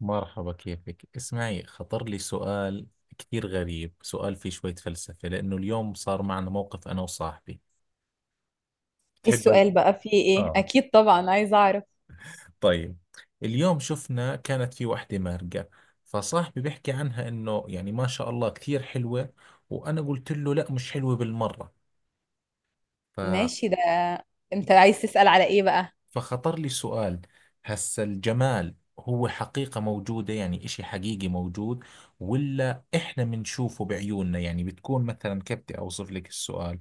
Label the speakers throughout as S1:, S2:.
S1: مرحبا، كيفك؟ اسمعي، خطر لي سؤال كثير غريب. سؤال فيه شوية فلسفة لأنه اليوم صار معنا موقف أنا وصاحبي.
S2: ايه
S1: تحب؟
S2: السؤال بقى؟ في ايه؟
S1: آه.
S2: اكيد طبعا عايزه اعرف.
S1: طيب. اليوم شفنا كانت في وحدة مارقة، فصاحبي بيحكي عنها إنه يعني ما شاء الله كثير حلوة، وأنا قلت له لا، مش حلوة بالمرة.
S2: ماشي ده. انت عايز تسأل على ايه بقى؟
S1: فخطر لي سؤال: هسا الجمال هو حقيقة موجودة؟ يعني إشي حقيقي موجود ولا إحنا بنشوفه بعيوننا؟ يعني بتكون مثلا، كيف بدي أوصف لك السؤال،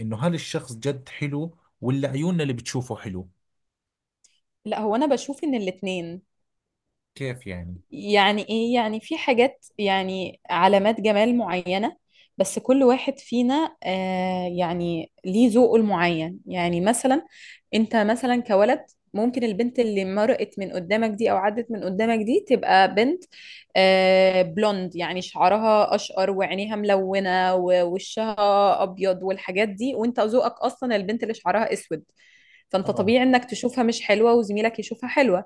S1: إنه هل الشخص جد حلو ولا عيوننا اللي بتشوفه حلو؟
S2: لا، هو انا بشوف ان الاتنين.
S1: كيف يعني؟
S2: يعني ايه؟ يعني في حاجات، يعني علامات جمال معينة، بس كل واحد فينا يعني ليه ذوقه المعين. يعني مثلا انت مثلا كولد، ممكن البنت اللي مرقت من قدامك دي او عدت من قدامك دي تبقى بنت بلوند، يعني شعرها اشقر وعينيها ملونة ووشها ابيض والحاجات دي، وانت ذوقك اصلا البنت اللي شعرها اسود، فانت
S1: آه.
S2: طبيعي انك تشوفها مش حلوة وزميلك يشوفها حلوة،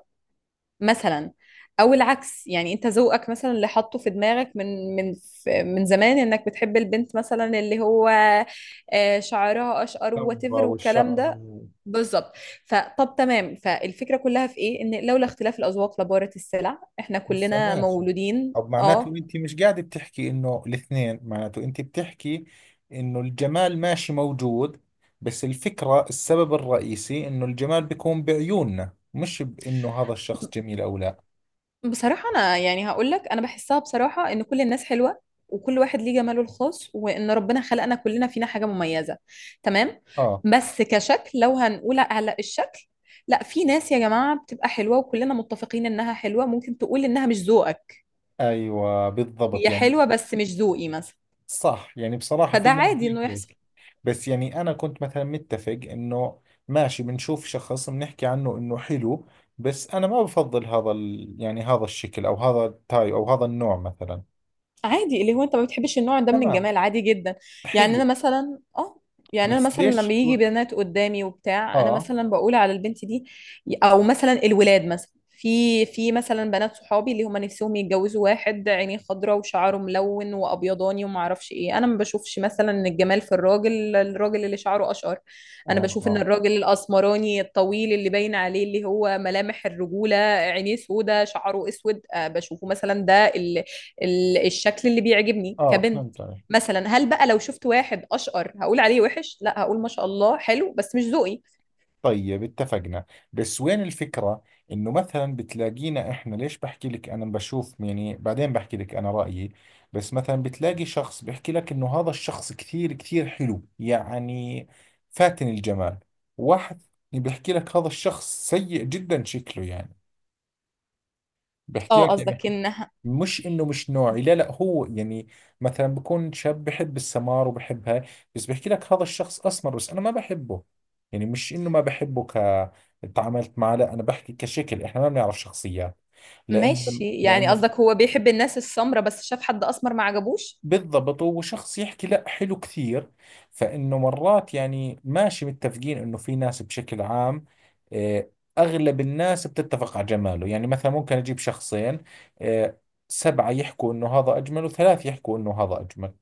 S2: مثلا. او العكس، يعني انت ذوقك مثلا اللي حاطه في دماغك من زمان انك بتحب البنت مثلا اللي هو شعرها اشقر
S1: النظرة
S2: واتيفر والكلام
S1: والشعر.
S2: ده. بالظبط. فطب تمام، فالفكره كلها في ايه؟ ان لولا اختلاف الاذواق لبارت السلع. احنا
S1: بس
S2: كلنا
S1: ماشي.
S2: مولودين
S1: طب معناته
S2: اه.
S1: انت مش قاعده بتحكي انه الاثنين، معناته انت بتحكي انه الجمال ماشي موجود، بس الفكره السبب الرئيسي انه الجمال بيكون بعيوننا، مش بانه هذا الشخص جميل او لا.
S2: بصراحة أنا يعني هقول لك، أنا بحسها بصراحة إن كل الناس حلوة، وكل واحد ليه جماله الخاص، وإن ربنا خلقنا كلنا فينا حاجة مميزة. تمام.
S1: اه.
S2: بس كشكل، لو هنقول على الشكل، لا، في ناس يا جماعة بتبقى حلوة وكلنا متفقين إنها حلوة، ممكن تقول إنها مش ذوقك.
S1: ايوه، بالضبط
S2: هي
S1: يعني.
S2: حلوة بس مش ذوقي، مثلا.
S1: صح، يعني بصراحه في
S2: فده
S1: ناس
S2: عادي
S1: زي
S2: إنه يحصل.
S1: هيك. بس يعني انا كنت مثلا متفق انه ماشي، بنشوف شخص بنحكي عنه انه حلو، بس انا ما بفضل هذا يعني هذا الشكل او هذا التايب او هذا النوع مثلا.
S2: عادي، اللي هو انت ما بتحبش النوع ده من
S1: تمام.
S2: الجمال، عادي جدا. يعني انا
S1: حلو.
S2: مثلا اه، يعني انا
S1: بس
S2: مثلا لما
S1: ليش
S2: يجي بنات قدامي وبتاع انا
S1: اه
S2: مثلا بقول على البنت دي، او مثلا الولاد مثلا، في مثلا بنات صحابي اللي هم نفسهم يتجوزوا واحد عينيه خضراء وشعره ملون وابيضاني وما اعرفش ايه. انا ما بشوفش مثلا ان الجمال في الراجل اللي شعره اشقر. انا
S1: اه
S2: بشوف ان
S1: اه
S2: الراجل الاسمراني الطويل اللي باين عليه اللي هو ملامح الرجوله، عينيه سودا شعره اسود، بشوفه مثلا ده الشكل اللي بيعجبني
S1: اه،
S2: كبنت.
S1: فهمت عليك.
S2: مثلا هل بقى لو شفت واحد اشقر هقول عليه وحش؟ لا، هقول ما شاء الله حلو بس مش ذوقي.
S1: طيب اتفقنا، بس وين الفكرة؟ انه مثلا بتلاقينا احنا، ليش بحكي لك انا بشوف يعني بعدين بحكي لك انا رأيي، بس مثلا بتلاقي شخص بيحكي لك انه هذا الشخص كثير كثير حلو، يعني فاتن الجمال. واحد بيحكي لك هذا الشخص سيء جدا شكله، يعني بحكي
S2: اه
S1: لك يعني
S2: قصدك انها.
S1: مش انه مش نوعي، لا لا، هو يعني مثلا بكون شاب بحب السمار وبحب هاي، بس بحكي لك هذا الشخص اسمر بس انا ما بحبه، يعني مش انه ما بحبه تعاملت معه، لا، انا بحكي كشكل، احنا ما بنعرف شخصيات لانه
S2: ماشي، يعني
S1: لانه
S2: قصدك هو بيحب الناس السمرة بس شاف حد اسمر ما عجبوش.
S1: بالضبط، وشخص يحكي لا حلو كثير. فإنه مرات يعني ماشي متفقين إنه في ناس بشكل عام، آه، أغلب الناس بتتفق على جماله، يعني مثلا ممكن أجيب شخصين، آه، سبعة يحكوا إنه هذا أجمل وثلاث يحكوا إنه هذا أجمل،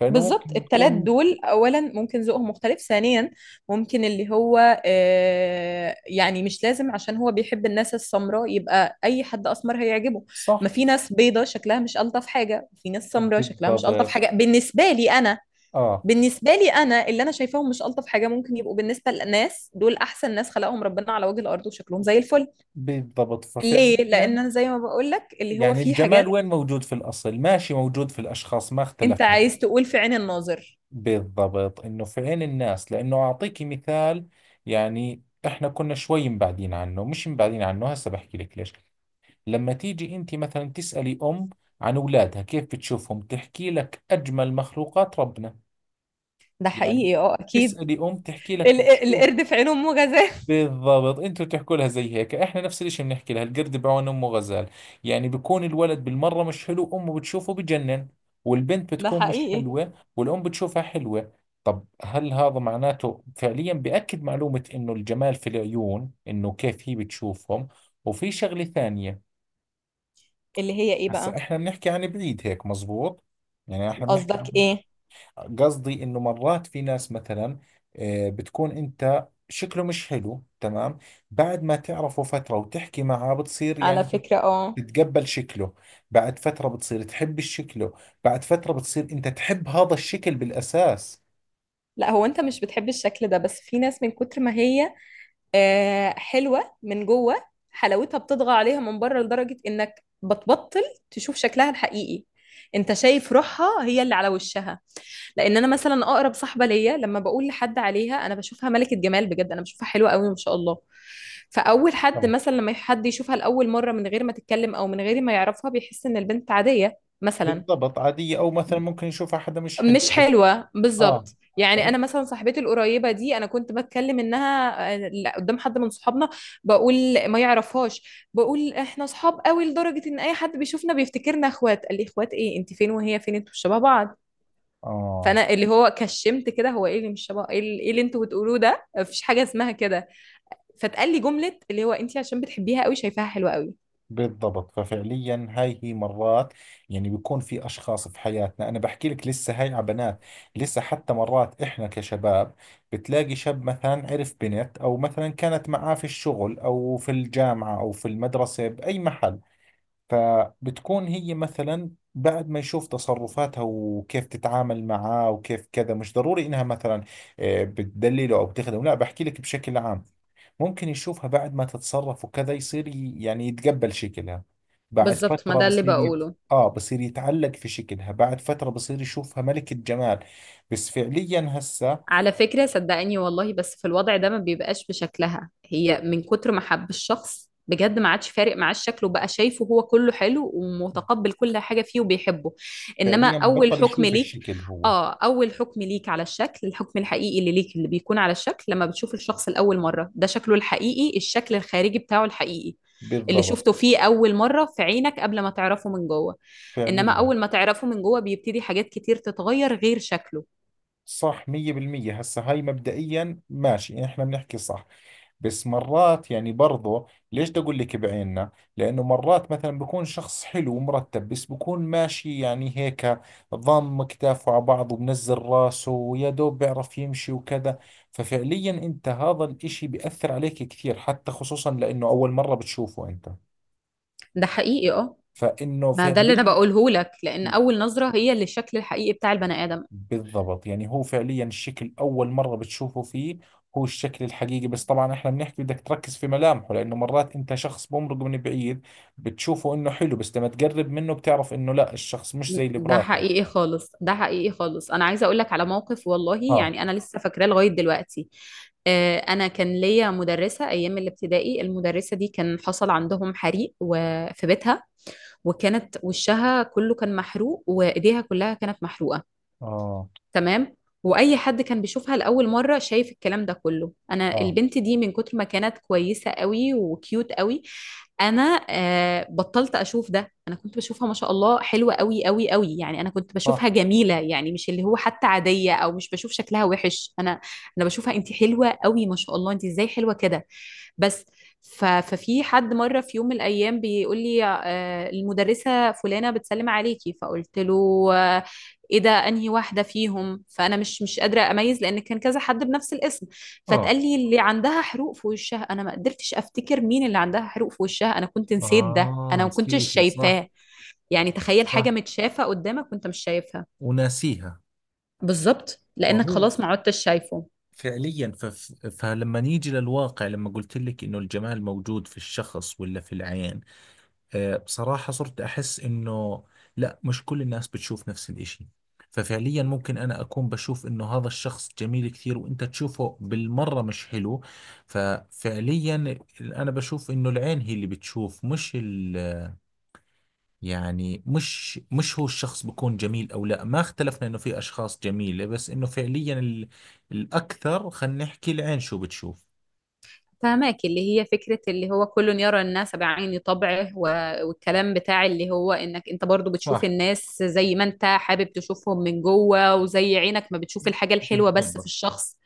S1: فإنه
S2: بالظبط.
S1: ممكن
S2: التلات
S1: تكون.
S2: دول اولا ممكن ذوقهم مختلف، ثانيا ممكن اللي هو يعني مش لازم عشان هو بيحب الناس السمراء يبقى اي حد اسمر هيعجبه. ما
S1: صح
S2: في ناس بيضة شكلها مش الطف حاجة، في ناس سمراء شكلها مش الطف
S1: بالضبط.
S2: حاجة بالنسبة لي انا.
S1: آه
S2: بالنسبة لي أنا اللي أنا شايفاهم مش ألطف حاجة، ممكن يبقوا بالنسبة للناس دول أحسن ناس خلقهم ربنا على وجه الأرض وشكلهم زي الفل.
S1: بالضبط
S2: ليه؟
S1: ففعليا،
S2: لأن أنا زي ما بقول لك اللي هو
S1: يعني
S2: في
S1: الجمال
S2: حاجات.
S1: وين موجود في الأصل؟ ماشي موجود في الأشخاص، ما
S2: أنت
S1: اختلفنا.
S2: عايز تقول في عين الناظر.
S1: بالضبط، انه في عين الناس، لانه اعطيكي مثال. يعني احنا كنا شوي مبعدين عنه، مش مبعدين عنه هسه بحكي لك ليش. لما تيجي انت مثلا تسألي ام عن اولادها كيف بتشوفهم، تحكي لك اجمل مخلوقات ربنا.
S2: ده
S1: يعني
S2: حقيقي، أه أكيد.
S1: اسألي ام تحكي لك
S2: ال-
S1: بتشوف.
S2: القرد في عين أمه غزال.
S1: بالضبط، انتوا تحكوا لها زي هيك، احنا نفس الاشي بنحكي لها: القرد بعون امه غزال. يعني بكون الولد بالمرة مش حلو امه بتشوفه بجنن، والبنت
S2: ده
S1: بتكون مش
S2: حقيقي.
S1: حلوة والام بتشوفها حلوة. طب هل هذا معناته فعليا بأكد معلومة انه الجمال في العيون، انه كيف هي بتشوفهم؟ وفي شغلة ثانية.
S2: اللي هي إيه
S1: هسا
S2: بقى؟
S1: احنا بنحكي عن بعيد هيك مزبوط، يعني احنا بنحكي
S2: قصدك
S1: عن،
S2: إيه؟
S1: قصدي انه مرات في ناس مثلا، آه، بتكون انت شكله مش حلو، تمام؟ بعد ما تعرفه فترة وتحكي معه بتصير
S2: على
S1: يعني
S2: فكرة أه.
S1: بتتقبل شكله، بعد فترة بتصير تحب شكله، بعد فترة بتصير انت تحب هذا الشكل بالاساس.
S2: لا، هو أنت مش بتحب الشكل ده، بس في ناس من كتر ما هي حلوة من جوه، حلاوتها بتطغى عليها من بره لدرجة انك بتبطل تشوف شكلها الحقيقي. انت شايف روحها هي اللي على وشها. لان انا مثلا اقرب صاحبة ليا، لما بقول لحد عليها، انا بشوفها ملكة جمال بجد. انا بشوفها حلوة قوي ما شاء الله. فاول حد
S1: آه.
S2: مثلا لما حد يشوفها لاول مرة من غير ما تتكلم او من غير ما يعرفها بيحس ان البنت عادية مثلا،
S1: بالضبط، عادية او مثلا ممكن يشوفها حدا مش
S2: مش
S1: حلو.
S2: حلوة.
S1: اه
S2: بالظبط.
S1: ف-
S2: يعني انا مثلا صاحبتي القريبه دي، انا كنت بتكلم انها آه، لا، قدام حد من صحابنا، بقول ما يعرفهاش، بقول احنا صحاب قوي لدرجه ان اي حد بيشوفنا بيفتكرنا اخوات. قال لي اخوات ايه؟ انت فين وهي فين؟ انتوا مش شبه بعض.
S1: اه
S2: فانا اللي هو كشمت كده، هو ايه اللي مش شبه؟ ايه اللي إيه اللي انتوا بتقولوه ده؟ مفيش حاجه اسمها كده. فتقال لي جمله اللي هو انت عشان بتحبيها قوي شايفاها حلوه قوي.
S1: بالضبط ففعليا هاي هي مرات، يعني بيكون في أشخاص في حياتنا، أنا بحكي لك لسه هاي على بنات، لسه حتى مرات إحنا كشباب بتلاقي شاب مثلا عرف بنت أو مثلا كانت معاه في الشغل أو في الجامعة أو في المدرسة بأي محل، فبتكون هي مثلا بعد ما يشوف تصرفاتها وكيف تتعامل معاه وكيف كذا، مش ضروري إنها مثلا، آه، بتدلله أو بتخدمه، لا بحكي لك بشكل عام، ممكن يشوفها بعد ما تتصرف وكذا يصير يعني يتقبل شكلها، بعد
S2: بالظبط، ما
S1: فترة
S2: ده اللي
S1: بصير
S2: بقوله.
S1: آه بصير يتعلق في شكلها، بعد فترة بصير يشوفها ملكة جمال. بس فعليا هسه
S2: على فكرة صدقني والله، بس في الوضع ده ما بيبقاش بشكلها هي، من كتر ما حب الشخص بجد ما عادش فارق معاه الشكل، وبقى شايفه هو كله حلو ومتقبل كل حاجة فيه وبيحبه. إنما
S1: فعليا
S2: أول
S1: بطل
S2: حكم
S1: يشوف
S2: ليك،
S1: الشكل هو.
S2: آه، أول حكم ليك على الشكل، الحكم الحقيقي اللي ليك اللي بيكون على الشكل لما بتشوف الشخص لأول مرة، ده شكله الحقيقي، الشكل الخارجي بتاعه الحقيقي اللي
S1: بالضبط
S2: شفته فيه أول مرة في عينك قبل ما تعرفه من جوه. إنما
S1: فعليا.
S2: أول ما تعرفه من جوه بيبتدي حاجات كتير تتغير غير شكله.
S1: صح 100%. هسه هاي مبدئيا ماشي احنا بنحكي صح، بس مرات يعني برضو ليش بدي اقول لك بعيننا، لانه مرات مثلا بكون شخص حلو ومرتب بس بكون ماشي يعني هيك، ضم كتافه على بعض ومنزل راسه ويا دوب بيعرف يمشي وكذا، ففعليا انت هذا الاشي بيأثر عليك كثير، حتى خصوصا لانه اول مرة بتشوفه انت،
S2: ده حقيقي آه.
S1: فانه
S2: ما ده اللي انا
S1: فعليا
S2: بقوله لك. لان اول نظره هي اللي الشكل الحقيقي بتاع البني ادم.
S1: بالضبط، يعني هو فعليا الشكل أول مرة بتشوفه فيه هو الشكل الحقيقي، بس طبعا احنا بنحكي بدك تركز في ملامحه، لأنه مرات أنت شخص بمرق من بعيد بتشوفه إنه حلو، بس لما تقرب منه بتعرف إنه لا، الشخص مش زي اللي
S2: ده
S1: براسك.
S2: حقيقي خالص، ده حقيقي خالص. انا عايزه اقول لك على موقف والله،
S1: اه
S2: يعني انا لسه فاكراه لغايه دلوقتي. انا كان ليا مدرسه ايام الابتدائي، المدرسه دي كان حصل عندهم حريق وفي بيتها، وكانت وشها كله كان محروق وايديها كلها كانت محروقه،
S1: اه
S2: تمام؟ واي حد كان بيشوفها لاول مره شايف الكلام ده كله. انا
S1: اه
S2: البنت دي من كتر ما كانت كويسه قوي وكيوت قوي، انا آه بطلت اشوف ده. انا كنت بشوفها ما شاء الله حلوه قوي قوي قوي، يعني انا كنت بشوفها
S1: صح.
S2: جميله، يعني مش اللي هو حتى عاديه او مش بشوف شكلها وحش، انا انا بشوفها انت حلوه قوي ما شاء الله، انت ازاي حلوه كده. بس ففي حد مره في يوم من الايام بيقول لي آه المدرسه فلانه بتسلم عليكي، فقلت له آه، ايه ده؟ انهي واحده فيهم؟ فانا مش قادره اميز لان كان كذا حد بنفس الاسم.
S1: اه
S2: فتقال لي اللي عندها حروق في وشها. انا ما قدرتش افتكر مين اللي عندها حروق في وشها. انا كنت نسيت ده،
S1: اه،
S2: انا ما كنتش
S1: نسيت صح.
S2: شايفاه. يعني تخيل حاجه
S1: صح،
S2: متشافه قدامك وانت مش شايفها.
S1: وناسيها.
S2: بالظبط،
S1: ما
S2: لانك
S1: هو
S2: خلاص ما عدتش شايفه.
S1: فعليا فلما نيجي للواقع، لما قلت لك انه الجمال موجود في الشخص ولا في العين، آه، بصراحة صرت أحس إنه لا، مش كل الناس بتشوف نفس الإشي، ففعليا ممكن أنا أكون بشوف إنه هذا الشخص جميل كثير وأنت تشوفه بالمرة مش حلو، ففعليا أنا بشوف إنه العين هي اللي بتشوف مش يعني مش هو الشخص بكون جميل أو لا، ما اختلفنا إنه في أشخاص جميلة، بس إنه فعليا الأكثر خلينا نحكي العين شو بتشوف.
S2: فهماك اللي هي فكرة اللي هو كل يرى الناس بعين طبعه، والكلام بتاع اللي هو انك انت برضو بتشوف
S1: صح
S2: الناس زي ما انت حابب تشوفهم من جوه، وزي عينك ما بتشوف الحاجة الحلوة بس في
S1: بالضبط
S2: الشخص.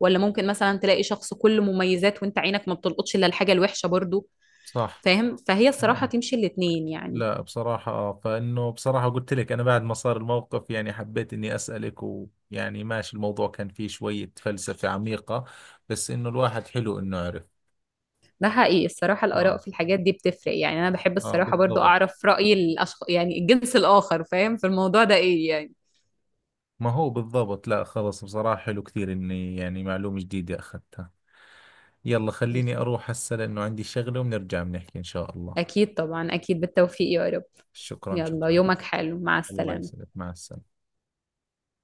S2: ولا ممكن مثلا تلاقي شخص كله مميزات وانت عينك ما بتلقطش الا الحاجة الوحشة برضو.
S1: صح.
S2: فاهم؟ فهي الصراحة تمشي الاتنين يعني.
S1: لا بصراحة آه، فإنه بصراحة قلت لك أنا بعد ما صار الموقف يعني حبيت إني أسألك، ويعني ماشي الموضوع كان فيه شوية فلسفة عميقة، بس إنه الواحد حلو إنه عرف.
S2: ده حقيقي. الصراحة الآراء
S1: آه
S2: في الحاجات دي بتفرق، يعني أنا بحب
S1: آه
S2: الصراحة برضو
S1: بالضبط.
S2: أعرف رأي الأشخاص، يعني الجنس الآخر فاهم في الموضوع ده إيه يعني.
S1: ما هو بالضبط، لا خلص، بصراحة حلو كثير إني يعني معلومة جديدة أخذتها. يلا خليني أروح هسه لأنه عندي شغلة وبنرجع بنحكي إن شاء الله.
S2: أكيد طبعا، أكيد. بالتوفيق يا رب.
S1: شكرا
S2: يلا،
S1: شكرا.
S2: يومك حلو، مع
S1: الله
S2: السلامة.
S1: يسعدك، مع السلامة.